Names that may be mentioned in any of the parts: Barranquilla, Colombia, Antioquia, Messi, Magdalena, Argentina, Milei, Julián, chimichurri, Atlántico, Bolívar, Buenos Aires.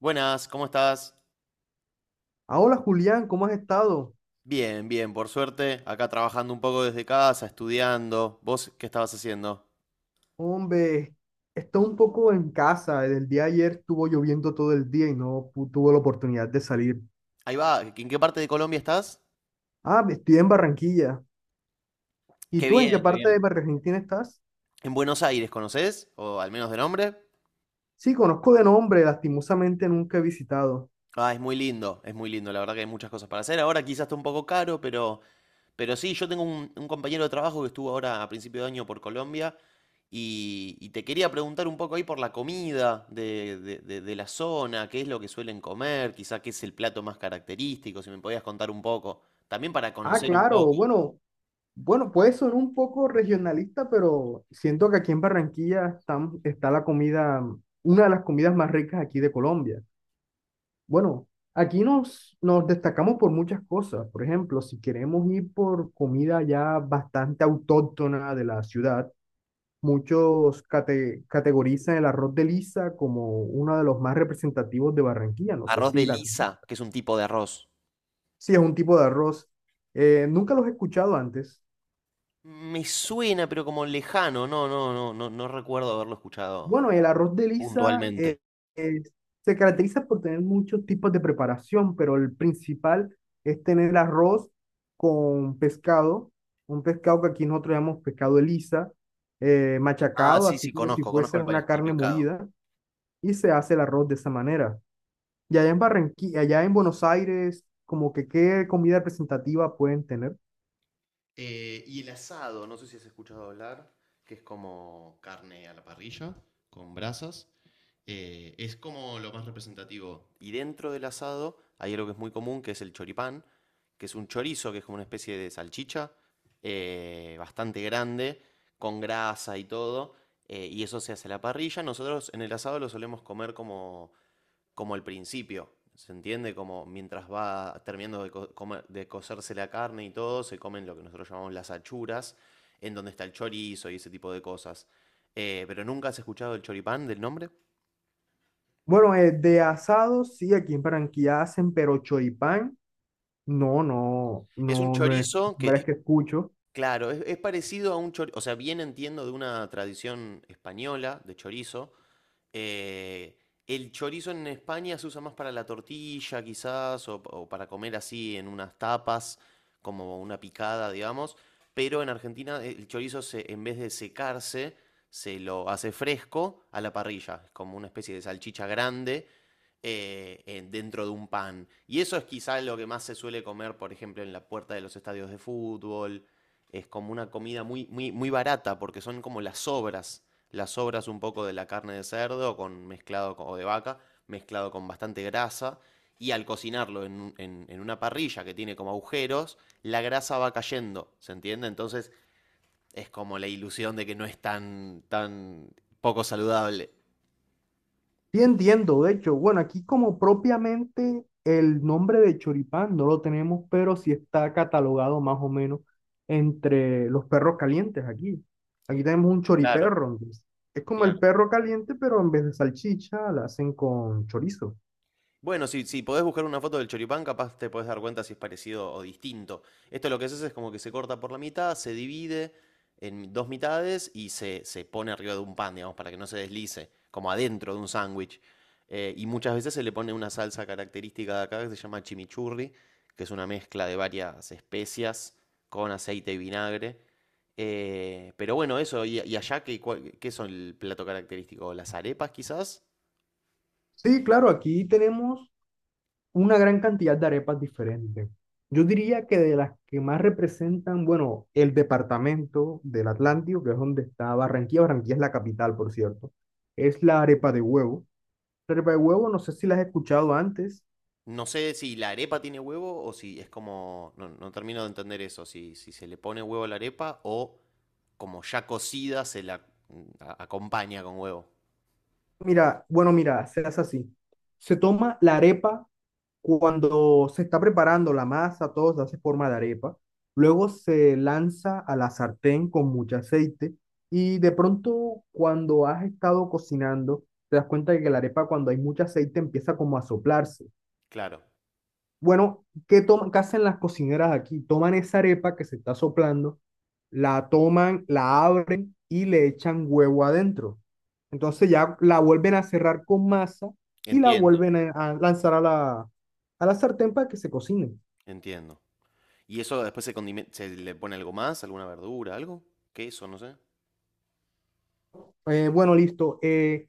Buenas, ¿cómo estás? Ah, hola Julián, ¿cómo has estado? Bien, bien, por suerte, acá trabajando un poco desde casa, estudiando. ¿Vos qué estabas haciendo? Hombre, estoy un poco en casa. El día de ayer estuvo lloviendo todo el día y no pu- tuve la oportunidad de salir. Ahí va, ¿en qué parte de Colombia estás? Ah, estoy en Barranquilla. ¿Y Qué tú en qué bien, qué parte de bien. Argentina estás? ¿En Buenos Aires conocés? ¿O al menos de nombre? Sí, conozco de nombre, lastimosamente nunca he visitado. Ah, es muy lindo, es muy lindo. La verdad que hay muchas cosas para hacer. Ahora quizás está un poco caro, pero sí, yo tengo un compañero de trabajo que estuvo ahora a principio de año por Colombia y te quería preguntar un poco ahí por la comida de la zona, qué es lo que suelen comer, quizás qué es el plato más característico, si me podías contar un poco. También para Ah, conocer un claro, poco. bueno, bueno, puede sonar un poco regionalista, pero siento que aquí en Barranquilla está la comida, una de las comidas más ricas aquí de Colombia. Bueno, aquí nos destacamos por muchas cosas. Por ejemplo, si queremos ir por comida ya bastante autóctona de la ciudad, muchos categorizan el arroz de lisa como uno de los más representativos de Barranquilla. No sé Arroz de si, la, lisa, que es un tipo de arroz. si es un tipo de arroz. Nunca los he escuchado antes. Me suena, pero como lejano. No, no, no, no, no recuerdo haberlo escuchado Bueno, el arroz de lisa, puntualmente. Es- se caracteriza por tener muchos tipos de preparación, pero el principal es tener el arroz con pescado, un pescado que aquí nosotros llamamos pescado de lisa, Ah, machacado, sí, sí, así como si conozco, conozco fuese el, una pe- el carne pescado. molida, y se hace el arroz de esa manera. Y allá en Barranquilla, allá en Buenos Aires, como que qué comida representativa pueden tener. Y el asado, no sé si has escuchado hablar, que es como carne a la parrilla, con brasas. Es como lo más representativo. Y dentro del asado hay algo que es muy común, que es el choripán, que es un chorizo, que es como una especie de salchicha, bastante grande, con grasa y todo. Y eso se hace a la parrilla. Nosotros en el asado lo solemos comer como el principio. ¿Se entiende? Como mientras va terminando de cocerse la carne y todo, se comen lo que nosotros llamamos las achuras, en donde está el chorizo y ese tipo de cosas. Pero nunca has escuchado el choripán del nombre. Bueno, de asados, sí, aquí en Barranquilla hacen, pero choripán. No, no, Es un no, no es la chorizo que, primera vez que escucho. claro, es parecido a un chorizo, o sea, bien entiendo de una tradición española de chorizo. Eh, el chorizo en España se usa más para la tortilla, quizás, o para comer así en unas tapas, como una picada, digamos. Pero en Argentina el chorizo, en vez de secarse, se lo hace fresco a la parrilla. Es como una especie de salchicha grande dentro de un pan. Y eso es quizás lo que más se suele comer, por ejemplo, en la puerta de los estadios de fútbol. Es como una comida muy, muy, muy barata, porque son como las sobras un poco de la carne de cerdo con, mezclado o de vaca, mezclado con bastante grasa. Y al cocinarlo en una parrilla que tiene como agujeros, la grasa va cayendo, ¿se entiende? Entonces es como la ilusión de que no es tan, tan poco saludable. Sí, entiendo, de hecho, bueno, aquí como propiamente el nombre de choripán no lo tenemos, pero sí está catalogado más o menos entre los perros calientes aquí. Aquí tenemos un Claro, choriperro, entonces, es como el claro. perro caliente, pero en vez de salchicha la hacen con chorizo. Bueno, si, si podés buscar una foto del choripán, capaz te podés dar cuenta si es parecido o distinto. Esto lo que haces es como que se corta por la mitad, se divide en dos mitades y se pone arriba de un pan, digamos, para que no se deslice, como adentro de un sándwich. Y muchas veces se le pone una salsa característica de acá que se llama chimichurri, que es una mezcla de varias especias con aceite y vinagre. Pero bueno, eso, y allá, ¿qué, qué son el plato característico? ¿Las arepas quizás? Sí, claro, aquí tenemos una gran cantidad de arepas diferentes. Yo diría que de las que más representan, bueno, el departamento del Atlántico, que es donde está Barranquilla, Barranquilla es la capital, por cierto, es la arepa de huevo. La arepa de huevo, no sé si la has escuchado antes. No sé si la arepa tiene huevo o si es como. No, no termino de entender eso. Si, si se le pone huevo a la arepa o como ya cocida se la acompaña con huevo. Mira, bueno, mira, se hace así. Se toma la arepa. Cuando se está preparando la masa, todo se hace forma de arepa. Luego se lanza a la sartén con mucho aceite y de pronto cuando has estado cocinando, te das cuenta de que la arepa cuando hay mucho aceite empieza como a soplarse. Claro. Bueno, ¿qué, toman, qué hacen las cocineras aquí? Toman esa arepa que se está soplando, la toman, la abren y le echan huevo adentro. Entonces ya la vuelven a cerrar con masa y la Entiendo. vuelven a lanzar a a la sartén para que se cocine. Entiendo. ¿Y eso después se, se le pone algo más? ¿Alguna verdura? ¿Algo? ¿Queso? No sé. Bueno, listo.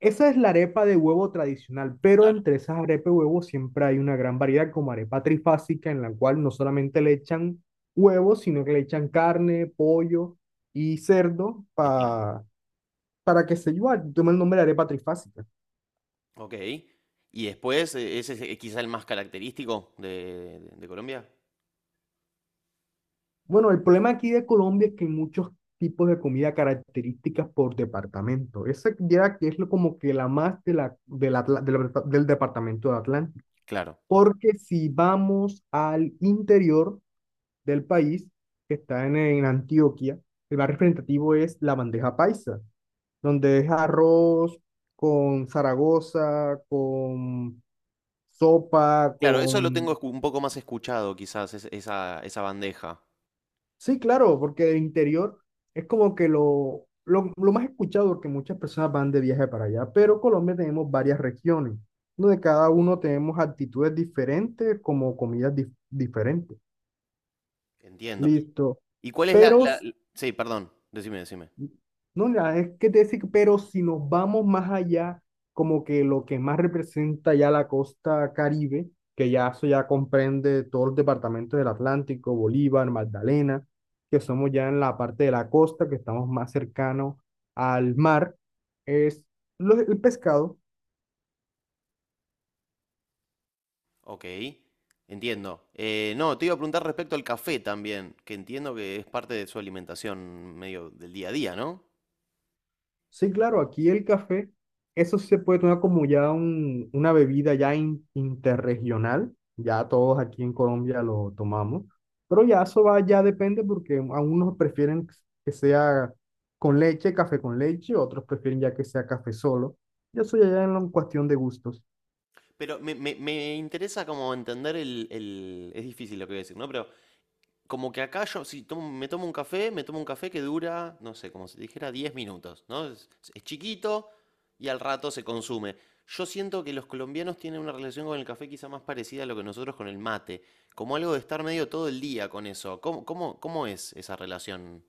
Esa es la arepa de huevo tradicional, pero Claro, entre esas arepas de huevo siempre hay una gran variedad, como arepa trifásica, en la cual no solamente le echan huevo, sino que le echan carne, pollo y entiendo. Para que se lleve, toma el nombre de arepa trifásica. Ok. Y después, ese es quizá el más característico de Colombia. Bueno, el problema aquí de Colombia es que hay muchos tipos de comida características por departamento. Esa ya que como que la más del departamento de Atlántico. Claro. Porque si vamos al interior del país, que está en Antioquia, el más representativo es la bandeja paisa, donde es arroz con Zaragoza, con sopa, Claro, eso lo con... tengo un poco más escuchado, quizás, esa, esa bandeja. Sí, claro, porque el interior es como que lo más escuchado, porque muchas personas van de viaje para allá, pero Colombia tenemos varias regiones, donde cada uno tenemos actitudes diferentes, como comidas diferentes. Entiendo. Listo. ¿Y cuál es la, Pero Sí, perdón, decime, decime. no, nada, es que te decir, pero si nos vamos más allá, como que lo que más representa ya la costa Caribe, que ya eso ya comprende todos los departamentos del Atlántico, Bolívar, Magdalena, que somos ya en la parte de la costa, que estamos más cercanos al mar, es el pescado. Ok, entiendo. No, te iba a preguntar respecto al café también, que entiendo que es parte de su alimentación medio del día a día, ¿no? Sí, claro, aquí el café, eso sí se puede tomar como ya una bebida ya interregional, ya todos aquí en Colombia lo tomamos, pero ya eso va, ya depende porque a unos prefieren que sea con leche, café con leche, otros prefieren ya que sea café solo, y eso ya es en cuestión de gustos. Pero me interesa como entender el, Es difícil lo que voy a decir, ¿no? Pero como que acá yo, si me tomo un café, me tomo un café que dura, no sé, como si dijera 10 minutos, ¿no? Es chiquito y al rato se consume. Yo siento que los colombianos tienen una relación con el café quizá más parecida a lo que nosotros con el mate, como algo de estar medio todo el día con eso. ¿Cómo es esa relación?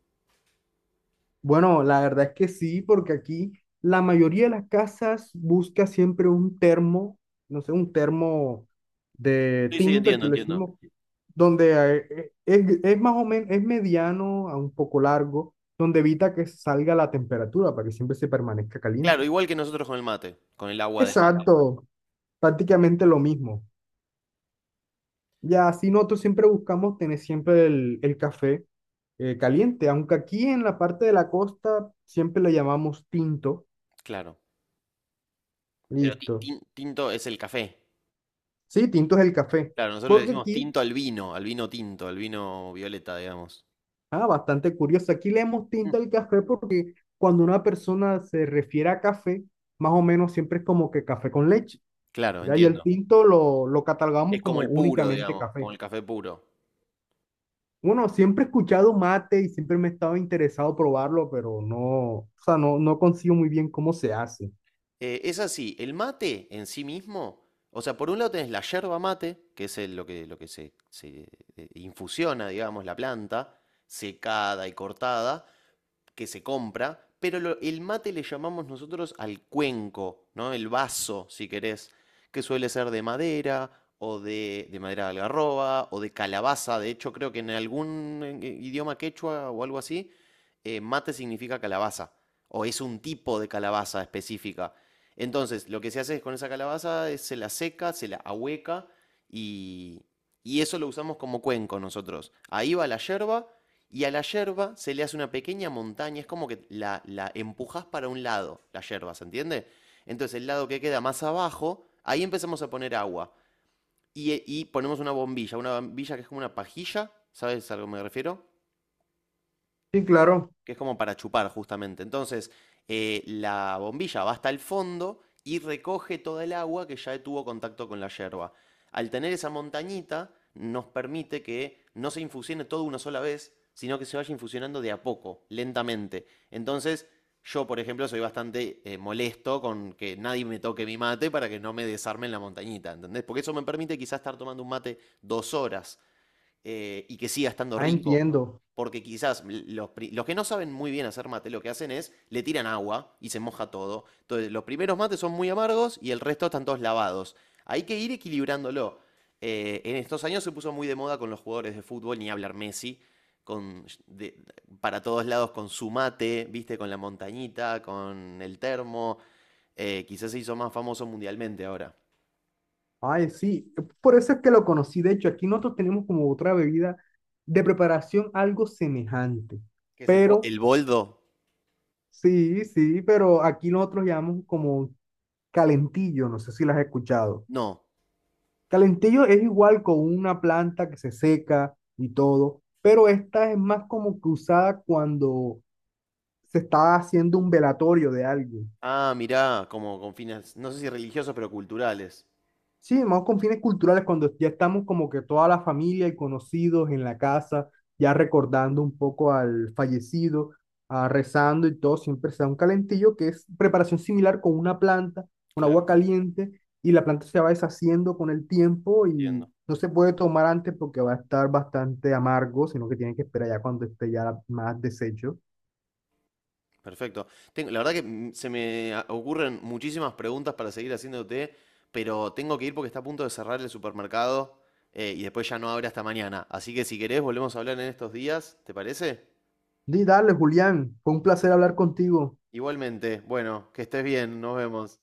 Bueno, la verdad es que sí, porque aquí la mayoría de las casas busca siempre un termo, no sé, un termo de Sí, sí, tinto, entiendo, aquí lo entiendo. decimos, donde es más o menos, es mediano a un poco largo, donde evita que salga la temperatura para que siempre se permanezca Claro, caliente. igual que nosotros con el mate, con el agua del mate. Exacto, prácticamente lo mismo. Ya así nosotros siempre buscamos tener siempre el café caliente, aunque aquí en la parte de la costa siempre le llamamos tinto. Claro. Pero ti- Listo. tin- tinto es el café. Sí, tinto es el café. Claro, nosotros le Porque decimos aquí, tinto al vino tinto, al vino violeta, digamos. ah, bastante curioso, aquí le hemos Mm. tinto al café porque cuando una persona se refiere a café, más o menos siempre es como que café con leche. Claro, Ya, y el entiendo. tinto lo catalogamos Es como como el puro, únicamente digamos, como café. el café puro. Bueno, siempre he escuchado mate y siempre me he estado interesado probarlo, pero no, o sea, no consigo muy bien cómo se hace. Es así, el mate en sí mismo, o sea, por un lado tenés la yerba mate, que es lo que se infusiona, digamos, la planta, secada y cortada, que se compra, pero el mate le llamamos nosotros al cuenco, ¿no? El vaso, si querés, que suele ser de madera o de madera de algarroba o de calabaza. De hecho, creo que en algún idioma quechua o algo así, mate significa calabaza o es un tipo de calabaza específica. Entonces, lo que se hace es con esa calabaza es se la seca, se la ahueca y, y eso lo usamos como cuenco nosotros. Ahí va la yerba y a la yerba se le hace una pequeña montaña, es como que la empujás para un lado, la yerba, ¿se entiende? Entonces el lado que queda más abajo, ahí empezamos a poner agua. Y ponemos una bombilla que es como una pajilla, ¿sabes a lo que me refiero? Sí, claro, Que es como para chupar justamente. Entonces, la bombilla va hasta el fondo y recoge toda el agua que ya tuvo contacto con la yerba. Al tener esa montañita, nos permite que no se infusione todo una sola vez, sino que se vaya infusionando de a poco, lentamente. Entonces, yo, por ejemplo, soy bastante molesto con que nadie me toque mi mate para que no me desarmen la montañita, ¿entendés? Porque eso me permite quizás estar tomando un mate 2 horas y que siga estando ah, rico. entiendo. Porque quizás los que no saben muy bien hacer mate lo que hacen es le tiran agua y se moja todo. Entonces los primeros mates son muy amargos y el resto están todos lavados. Hay que ir equilibrándolo. En estos años se puso muy de moda con los jugadores de fútbol, ni hablar Messi, con, de- para todos lados con su mate, viste, con la montañita, con el termo. Quizás se hizo más famoso mundialmente ahora. Ay, sí, por eso es que lo conocí. De hecho, aquí nosotros tenemos como otra bebida de preparación algo semejante. ¿Qué es el, bo- Pero, el boldo? sí, sí, pero aquí nosotros llamamos como calentillo, no sé si las has escuchado. No. Calentillo es igual con una planta que se seca y todo, pero esta es más como que usada cuando se está haciendo un velatorio de algo. Ah, mirá, como con fines, no sé si religiosos, pero culturales. Sí, más con fines culturales, cuando ya estamos como que toda la familia y conocidos en la casa, ya recordando un poco al fallecido, ah, rezando y todo, siempre se da un calentillo que es preparación similar con una planta, con Claro, agua caliente, y la planta se va deshaciendo con el tiempo y entiendo. no se puede tomar antes porque va a estar bastante amargo, sino que tienen que esperar ya cuando esté ya más deshecho. Perfecto. La verdad que se me ocurren muchísimas preguntas para seguir haciéndote, pero tengo que ir porque está a punto de cerrar el supermercado y después ya no abre hasta mañana. Así que si querés, volvemos a hablar en estos días, ¿te parece? Y dale, Julián, fue un placer hablar contigo. Igualmente, bueno, que estés bien, nos vemos.